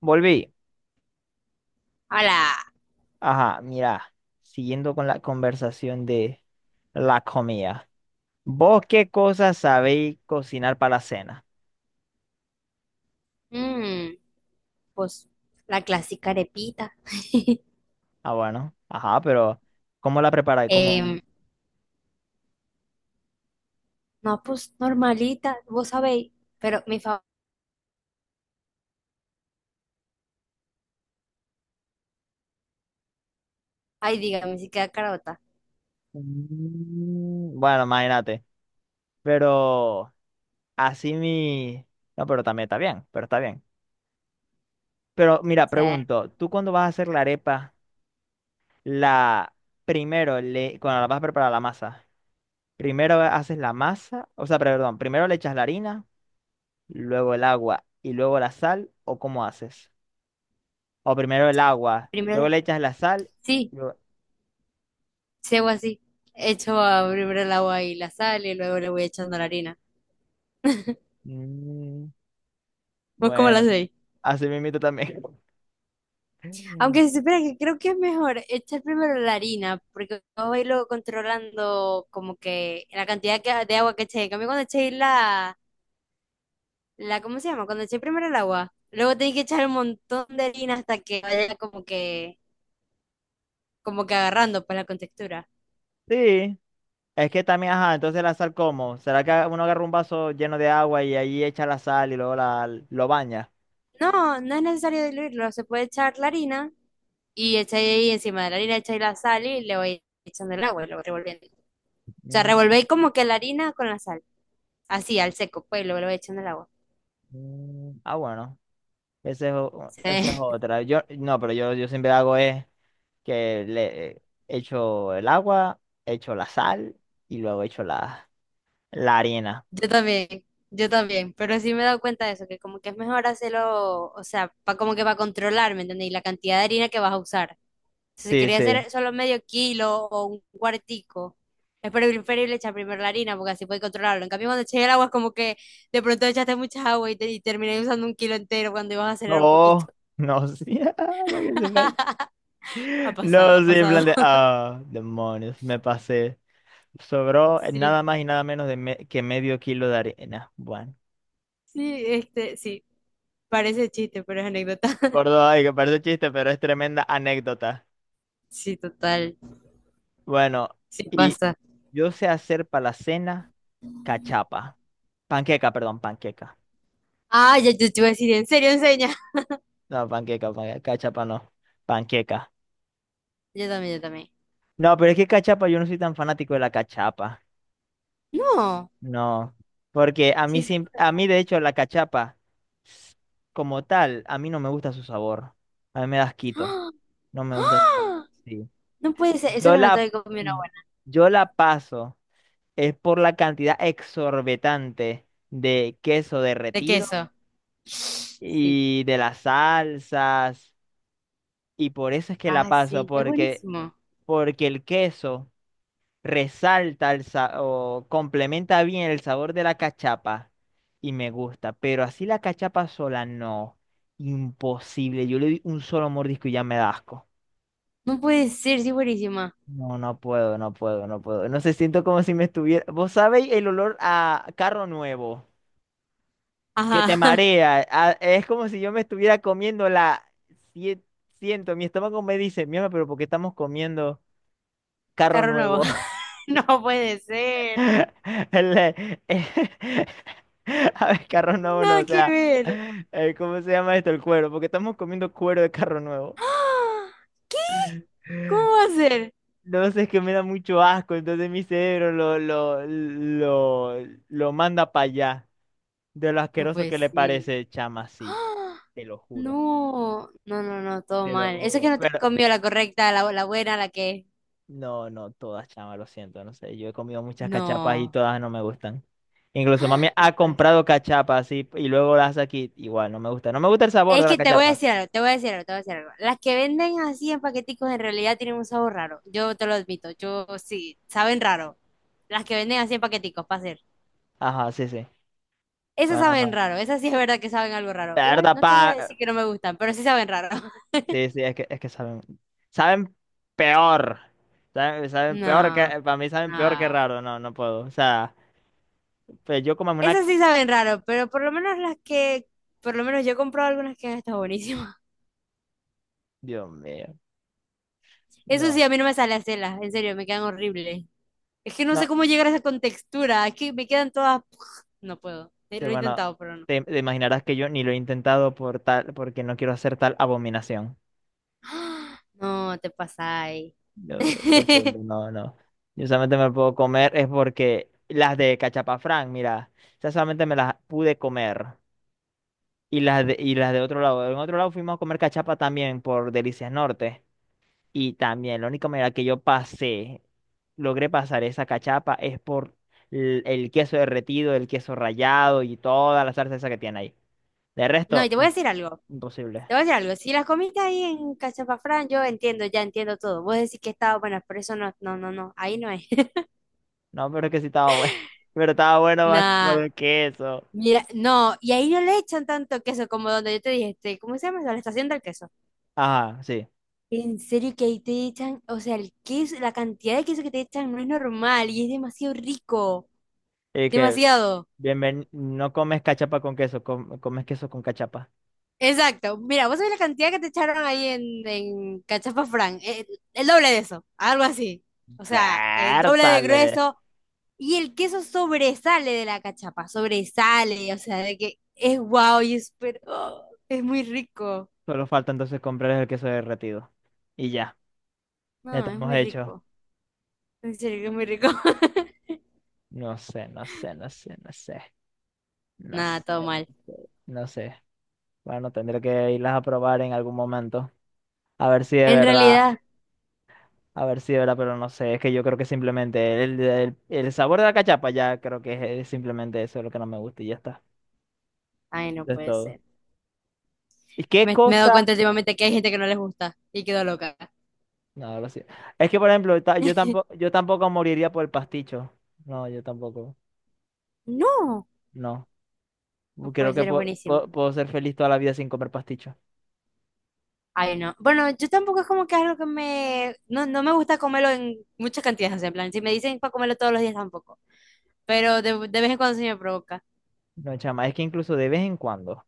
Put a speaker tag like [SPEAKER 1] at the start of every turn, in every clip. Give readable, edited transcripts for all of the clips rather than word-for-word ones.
[SPEAKER 1] Volví.
[SPEAKER 2] Hola.
[SPEAKER 1] Ajá, mira, siguiendo con la conversación de la comida. ¿Vos qué cosas sabéis cocinar para la cena?
[SPEAKER 2] Mm, pues la clásica arepita.
[SPEAKER 1] Ah, bueno, ajá, pero ¿cómo la preparáis? ¿Cómo?
[SPEAKER 2] Em, no, pues normalita, vos sabéis. Pero mi fa... Ay, dígame si queda carota.
[SPEAKER 1] Bueno, imagínate. Pero así mi... No, pero también está bien. Pero mira,
[SPEAKER 2] O sea,
[SPEAKER 1] pregunto, ¿tú cuando vas a hacer la arepa, la... Primero, le... cuando la vas a preparar la masa, primero haces la masa, o sea, perdón, primero le echas la harina, luego el agua y luego la sal, o cómo haces? O primero el agua, luego
[SPEAKER 2] primero,
[SPEAKER 1] le echas la sal.
[SPEAKER 2] sí,
[SPEAKER 1] Luego...
[SPEAKER 2] si hago así. Primero el agua y la sal y luego le voy echando la harina.
[SPEAKER 1] Mm,
[SPEAKER 2] ¿Vos cómo la
[SPEAKER 1] bueno,
[SPEAKER 2] hacéis?
[SPEAKER 1] así mismito también.
[SPEAKER 2] Aunque se supone que creo que es mejor echar primero la harina, porque vos vais luego controlando como que de agua que echéis. En cambio, cuando echéis la, ¿cómo se llama? Cuando eché primero el agua. Luego tenés que echar un montón de harina hasta que vaya como que agarrando pues la contextura.
[SPEAKER 1] Sí, es que también, ajá, entonces la sal, ¿cómo? ¿Será que uno agarra un vaso lleno de agua y ahí echa la sal y luego la, lo baña?
[SPEAKER 2] No, no es necesario diluirlo, se puede echar la harina y echáis ahí encima de la harina, echáis la sal y le vais echando el agua y lo vais revolviendo. O sea,
[SPEAKER 1] Mm,
[SPEAKER 2] revolvéis como que la harina con la sal, así al seco, pues y luego le vais echando el agua.
[SPEAKER 1] Ah, bueno, esa es, o-
[SPEAKER 2] Sí.
[SPEAKER 1] esa es otra. Yo, no, pero yo siempre hago es que le echo el agua, echo la sal y luego echo la, la harina.
[SPEAKER 2] Yo también, yo también, pero sí me he dado cuenta de eso, que como que es mejor hacerlo, o sea, pa, como que para controlar, ¿me entendéis? La cantidad de harina que vas a usar. Si se
[SPEAKER 1] Sí,
[SPEAKER 2] quería
[SPEAKER 1] sí.
[SPEAKER 2] hacer solo medio kilo o un cuartico, es preferible echar primero la harina porque así puede controlarlo. En cambio, cuando eché el agua es como que de pronto echaste mucha agua y, te, y terminé usando un kilo entero cuando ibas a acelerar un poquito.
[SPEAKER 1] No, no, sí. Para que sepáis.
[SPEAKER 2] Ha pasado,
[SPEAKER 1] No,
[SPEAKER 2] ha
[SPEAKER 1] sí, en plan
[SPEAKER 2] pasado.
[SPEAKER 1] de... Ah, demonios, me pasé. Sobró
[SPEAKER 2] Sí,
[SPEAKER 1] nada más y nada menos de me- que medio kilo de arena. Bueno,
[SPEAKER 2] sí, este, sí, parece chiste, pero es anécdota.
[SPEAKER 1] por dos, ay, que parece chiste, pero es tremenda anécdota.
[SPEAKER 2] Sí, total,
[SPEAKER 1] Bueno,
[SPEAKER 2] sí
[SPEAKER 1] y
[SPEAKER 2] pasa.
[SPEAKER 1] yo sé hacer para la cena cachapa. Panqueca, perdón, panqueca.
[SPEAKER 2] Ah, ya yo te iba a decir, ¿en serio enseña?
[SPEAKER 1] No, panqueca, panqueca, cachapa no. Panqueca.
[SPEAKER 2] Yo también.
[SPEAKER 1] No, pero es que cachapa, yo no soy tan fanático de la cachapa.
[SPEAKER 2] No,
[SPEAKER 1] No, porque a mí,
[SPEAKER 2] sí,
[SPEAKER 1] sim- a
[SPEAKER 2] sorpresa.
[SPEAKER 1] mí de hecho la cachapa s- como tal, a mí no me gusta su sabor. A mí me da asquito.
[SPEAKER 2] ¡Ah!
[SPEAKER 1] No me gusta su sabor.
[SPEAKER 2] ¡Ah!
[SPEAKER 1] Sí.
[SPEAKER 2] No puede ser, eso
[SPEAKER 1] Yo
[SPEAKER 2] que no te
[SPEAKER 1] la,
[SPEAKER 2] había comido una
[SPEAKER 1] mm,
[SPEAKER 2] buena.
[SPEAKER 1] yo la paso es por la cantidad exorbitante de queso
[SPEAKER 2] De
[SPEAKER 1] derretido
[SPEAKER 2] queso, sí.
[SPEAKER 1] y de las salsas. Y por eso es que la
[SPEAKER 2] Ah,
[SPEAKER 1] paso,
[SPEAKER 2] sí, es
[SPEAKER 1] porque,
[SPEAKER 2] buenísimo.
[SPEAKER 1] porque el queso... resalta el sa- o complementa bien el sabor de la cachapa y me gusta, pero así la cachapa sola no, imposible. Yo le doy un solo mordisco y ya me da asco.
[SPEAKER 2] No puede ser, sí, es buenísima.
[SPEAKER 1] No, no puedo, no puedo, no puedo. No sé, siento como si me estuviera... Vos sabéis el olor a carro nuevo que
[SPEAKER 2] Ajá.
[SPEAKER 1] te marea. A- es como si yo me estuviera comiendo la... Sie- siento, mi estómago me dice, mierda, pero ¿por qué estamos comiendo carro
[SPEAKER 2] Carro nuevo.
[SPEAKER 1] nuevo?
[SPEAKER 2] No puede ser.
[SPEAKER 1] El, a ver, carro nuevo, no, o
[SPEAKER 2] Nada que
[SPEAKER 1] sea,
[SPEAKER 2] ver.
[SPEAKER 1] ¿cómo se llama esto? El cuero, porque estamos comiendo cuero de carro nuevo.
[SPEAKER 2] ¡Ah! ¿Qué? ¿Cómo va a ser?
[SPEAKER 1] No sé, es que me da mucho asco, entonces mi cerebro lo manda para allá, de lo
[SPEAKER 2] No
[SPEAKER 1] asqueroso
[SPEAKER 2] puede
[SPEAKER 1] que le
[SPEAKER 2] ser.
[SPEAKER 1] parece, chama, sí,
[SPEAKER 2] ¡Ah!
[SPEAKER 1] te lo juro,
[SPEAKER 2] No, no, no, no, todo
[SPEAKER 1] te lo
[SPEAKER 2] mal. Eso es que
[SPEAKER 1] juro.
[SPEAKER 2] no te has
[SPEAKER 1] Pero
[SPEAKER 2] comido la correcta, la buena, la que...
[SPEAKER 1] no, no, todas, chama, lo siento, no sé. Yo he comido muchas cachapas y
[SPEAKER 2] No,
[SPEAKER 1] todas no me gustan. Incluso mami
[SPEAKER 2] no
[SPEAKER 1] ha
[SPEAKER 2] puede ser.
[SPEAKER 1] comprado cachapas y luego las hace aquí. Igual, no me gusta. No me gusta el sabor
[SPEAKER 2] Es
[SPEAKER 1] de la
[SPEAKER 2] que te voy a
[SPEAKER 1] cachapa.
[SPEAKER 2] decir algo, te voy a decir algo, te voy a decir algo. Las que venden así en paqueticos en realidad tienen un sabor raro. Yo te lo admito, yo sí, saben raro. Las que venden así en paqueticos, para hacer.
[SPEAKER 1] Ajá, sí, sí.
[SPEAKER 2] Esas
[SPEAKER 1] Bueno,
[SPEAKER 2] saben
[SPEAKER 1] no.
[SPEAKER 2] raro, esas sí es verdad que saben algo raro. Igual
[SPEAKER 1] Verdad,
[SPEAKER 2] no te voy a
[SPEAKER 1] pa.
[SPEAKER 2] decir que no me gustan, pero sí saben raro.
[SPEAKER 1] Sí, sí, es que saben... Saben peor. Saben, saben peor que...
[SPEAKER 2] No,
[SPEAKER 1] Para mí saben peor que
[SPEAKER 2] no.
[SPEAKER 1] raro. No, no puedo. O sea, pues yo como una.
[SPEAKER 2] Esas sí saben raro, pero por lo menos por lo menos yo he comprado algunas que han estado buenísimas.
[SPEAKER 1] Dios mío.
[SPEAKER 2] Eso sí,
[SPEAKER 1] No,
[SPEAKER 2] a mí no me sale hacerlas, en serio, me quedan horribles. Es que no sé
[SPEAKER 1] no.
[SPEAKER 2] cómo llegar a esa contextura, es que me quedan todas, no puedo.
[SPEAKER 1] Sí,
[SPEAKER 2] Lo he
[SPEAKER 1] bueno,
[SPEAKER 2] intentado, pero no.
[SPEAKER 1] te imaginarás que yo ni lo he intentado por tal, porque no quiero hacer tal abominación.
[SPEAKER 2] No, te pasáis.
[SPEAKER 1] No, lo siento, no, no. Yo solamente me puedo comer es porque las de Cachapafrán, mira, esas solamente me las pude comer. Y las de otro lado. En otro lado fuimos a comer cachapa también por Delicias Norte. Y también, la única manera que yo pasé, logré pasar esa cachapa es por l- el, queso derretido, el queso rallado y toda la salsa esa que tiene ahí. De
[SPEAKER 2] No, y
[SPEAKER 1] resto,
[SPEAKER 2] te voy a
[SPEAKER 1] im-
[SPEAKER 2] decir algo.
[SPEAKER 1] imposible.
[SPEAKER 2] Te voy a decir algo, si las comiste ahí en Cachapafrán, yo entiendo, ya entiendo todo. Vos decís que estaba buena, pero eso no, no, no, no, ahí no es.
[SPEAKER 1] No, pero es que sí estaba bueno. Pero estaba bueno más por
[SPEAKER 2] Nah,
[SPEAKER 1] el queso.
[SPEAKER 2] mira, no, y ahí no le echan tanto queso como donde yo te dije, este, ¿cómo se llama eso? La estación del queso.
[SPEAKER 1] Ajá, sí.
[SPEAKER 2] En serio que ahí te echan, o sea, el queso, la cantidad de queso que te echan no es normal y es demasiado rico,
[SPEAKER 1] Y que...
[SPEAKER 2] demasiado.
[SPEAKER 1] Bienven- no comes cachapa con queso, com- comes queso con cachapa.
[SPEAKER 2] Exacto, mira, vos sabés la cantidad que te echaron ahí en Cachapafrán, el doble de eso, algo así. O sea, el doble de
[SPEAKER 1] ¡Vértale!
[SPEAKER 2] grueso. Y el queso sobresale de la cachapa, sobresale, o sea, de que es guau y es, pero, oh, es muy rico.
[SPEAKER 1] Solo falta entonces comprar el queso derretido. Y ya, ya
[SPEAKER 2] No, es
[SPEAKER 1] estamos
[SPEAKER 2] muy
[SPEAKER 1] hechos.
[SPEAKER 2] rico. En serio que es muy rico.
[SPEAKER 1] No sé, no sé, no sé, no sé. No
[SPEAKER 2] Nada,
[SPEAKER 1] sé,
[SPEAKER 2] todo
[SPEAKER 1] no
[SPEAKER 2] mal.
[SPEAKER 1] sé. No sé. Bueno, tendré que irlas a probar en algún momento. A ver si de
[SPEAKER 2] En
[SPEAKER 1] verdad,
[SPEAKER 2] realidad,
[SPEAKER 1] a ver si de verdad, pero no sé. Es que yo creo que simplemente el sabor de la cachapa ya creo que es simplemente eso lo que no me gusta y ya está.
[SPEAKER 2] ay, no
[SPEAKER 1] Eso es
[SPEAKER 2] puede
[SPEAKER 1] todo.
[SPEAKER 2] ser.
[SPEAKER 1] ¿Y qué
[SPEAKER 2] Me he dado
[SPEAKER 1] cosa?
[SPEAKER 2] cuenta últimamente que hay gente que no les gusta y quedo loca.
[SPEAKER 1] No, lo sé. Es que, por ejemplo, ta- yo tampoco moriría por el pasticho. No, yo tampoco.
[SPEAKER 2] No,
[SPEAKER 1] No.
[SPEAKER 2] no
[SPEAKER 1] Creo
[SPEAKER 2] puede
[SPEAKER 1] que
[SPEAKER 2] ser, es
[SPEAKER 1] po-
[SPEAKER 2] buenísimo.
[SPEAKER 1] po- puedo ser feliz toda la vida sin comer pasticho.
[SPEAKER 2] Ay, no. Bueno, yo tampoco es como que algo que me... No, no me gusta comerlo en muchas cantidades, o sea, en plan, si me dicen para comerlo todos los días tampoco, pero de vez en cuando se me provoca.
[SPEAKER 1] No, chama. Es que incluso de vez en cuando,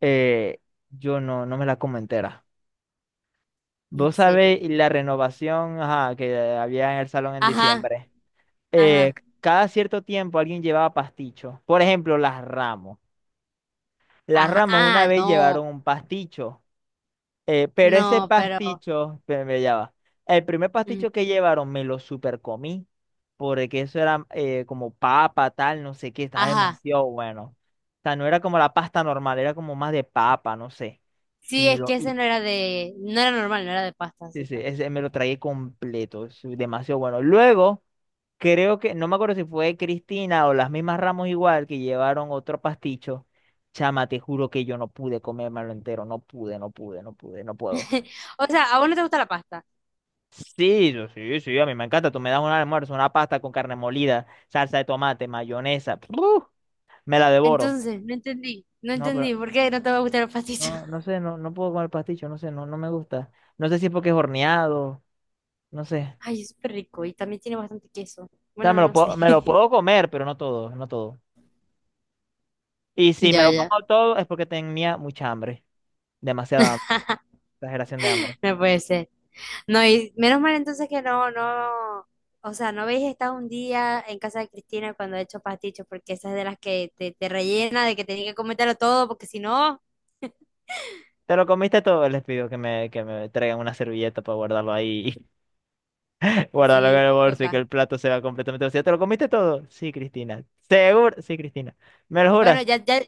[SPEAKER 1] eh, yo no, no me la como entera.
[SPEAKER 2] En
[SPEAKER 1] Vos
[SPEAKER 2] serio.
[SPEAKER 1] sabés la renovación, ajá, que había en el salón en
[SPEAKER 2] Ajá,
[SPEAKER 1] diciembre. Eh,
[SPEAKER 2] ajá.
[SPEAKER 1] cada cierto tiempo alguien llevaba pasticho. Por ejemplo, las Ramos. Las
[SPEAKER 2] Ajá,
[SPEAKER 1] Ramos una
[SPEAKER 2] ah,
[SPEAKER 1] vez
[SPEAKER 2] no,
[SPEAKER 1] llevaron un pasticho. Pero ese
[SPEAKER 2] no, pero,
[SPEAKER 1] pasticho, pero me ya va. El primer
[SPEAKER 2] mm,
[SPEAKER 1] pasticho que llevaron me lo super comí, porque eso era como papa, tal, no sé qué, estaba
[SPEAKER 2] ajá,
[SPEAKER 1] demasiado bueno. O sea, no era como la pasta normal, era como más de papa, no sé. Y
[SPEAKER 2] sí,
[SPEAKER 1] me
[SPEAKER 2] es
[SPEAKER 1] lo,
[SPEAKER 2] que ese
[SPEAKER 1] y,
[SPEAKER 2] no era de, no era normal, no era de pasta,
[SPEAKER 1] sí,
[SPEAKER 2] así
[SPEAKER 1] sí,
[SPEAKER 2] pues.
[SPEAKER 1] ese me lo tragué completo, es demasiado bueno. Luego, creo que, no me acuerdo si fue Cristina o las mismas Ramos igual que llevaron otro pasticho. Chama, te juro que yo no pude comérmelo entero, no pude, no pude, no pude, no puedo.
[SPEAKER 2] O sea, a vos no te gusta la pasta,
[SPEAKER 1] Sí, yo- sí, sí, a mí me encanta. Tú me das un almuerzo, una pasta con carne molida, salsa de tomate, mayonesa. ¡Pruf! Me la devoro.
[SPEAKER 2] entonces, no entendí, no
[SPEAKER 1] No, pero
[SPEAKER 2] entendí, ¿por qué no te va a gustar el pastito?
[SPEAKER 1] no, no sé, no, no puedo comer pasticho, no sé, no, no me gusta. No sé si es porque es horneado, no sé.
[SPEAKER 2] Ay, es súper rico y también tiene bastante queso,
[SPEAKER 1] O sea,
[SPEAKER 2] bueno, no sé.
[SPEAKER 1] me lo puedo comer, pero no todo, no todo. Y si me
[SPEAKER 2] Ya,
[SPEAKER 1] lo
[SPEAKER 2] ya.
[SPEAKER 1] como todo es porque tenía mucha hambre, demasiada hambre, exageración de hambre.
[SPEAKER 2] No puede ser. No, y menos mal entonces que no, no, o sea, no habéis estado un día en casa de Cristina cuando he hecho pastichos, porque esa es de las que te rellena, de que tenía que cometerlo todo, porque si no...
[SPEAKER 1] Te lo comiste todo, les pido que me traigan una servilleta para guardarlo ahí. Guárdalo en
[SPEAKER 2] Sí,
[SPEAKER 1] el bolso y que
[SPEAKER 2] toca.
[SPEAKER 1] el plato se va completamente vacío. ¿Te lo comiste todo? Sí, Cristina. ¿Seguro? Sí, Cristina. ¿Me lo
[SPEAKER 2] Bueno,
[SPEAKER 1] juras?
[SPEAKER 2] ya, ya.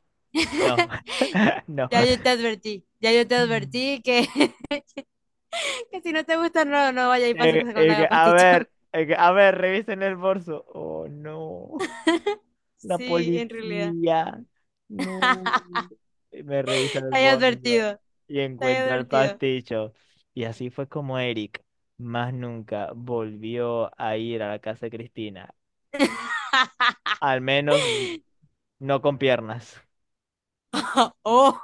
[SPEAKER 1] No, no.
[SPEAKER 2] Ya yo te advertí. Ya yo te advertí que, que si no te gusta, no, no vaya y pase con la pasticho.
[SPEAKER 1] Que, a ver, revisen el bolso. Oh, no. La
[SPEAKER 2] Sí, en realidad.
[SPEAKER 1] policía. No. Y me revisa el
[SPEAKER 2] Te he
[SPEAKER 1] bolso
[SPEAKER 2] advertido.
[SPEAKER 1] y
[SPEAKER 2] Te he
[SPEAKER 1] encuentra el
[SPEAKER 2] advertido.
[SPEAKER 1] pasticho. Y así fue como Eric más nunca volvió a ir a la casa de Cristina. Al menos no con piernas.
[SPEAKER 2] Oh,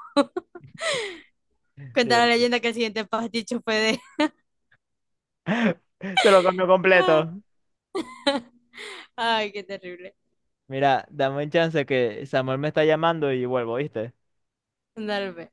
[SPEAKER 2] cuenta la
[SPEAKER 1] Dios.
[SPEAKER 2] leyenda que el siguiente pasticho fue de.
[SPEAKER 1] Se lo comió completo.
[SPEAKER 2] Ay, qué terrible.
[SPEAKER 1] Mira, dame un chance que Samuel me está llamando y vuelvo, ¿viste?
[SPEAKER 2] Dale. Pues.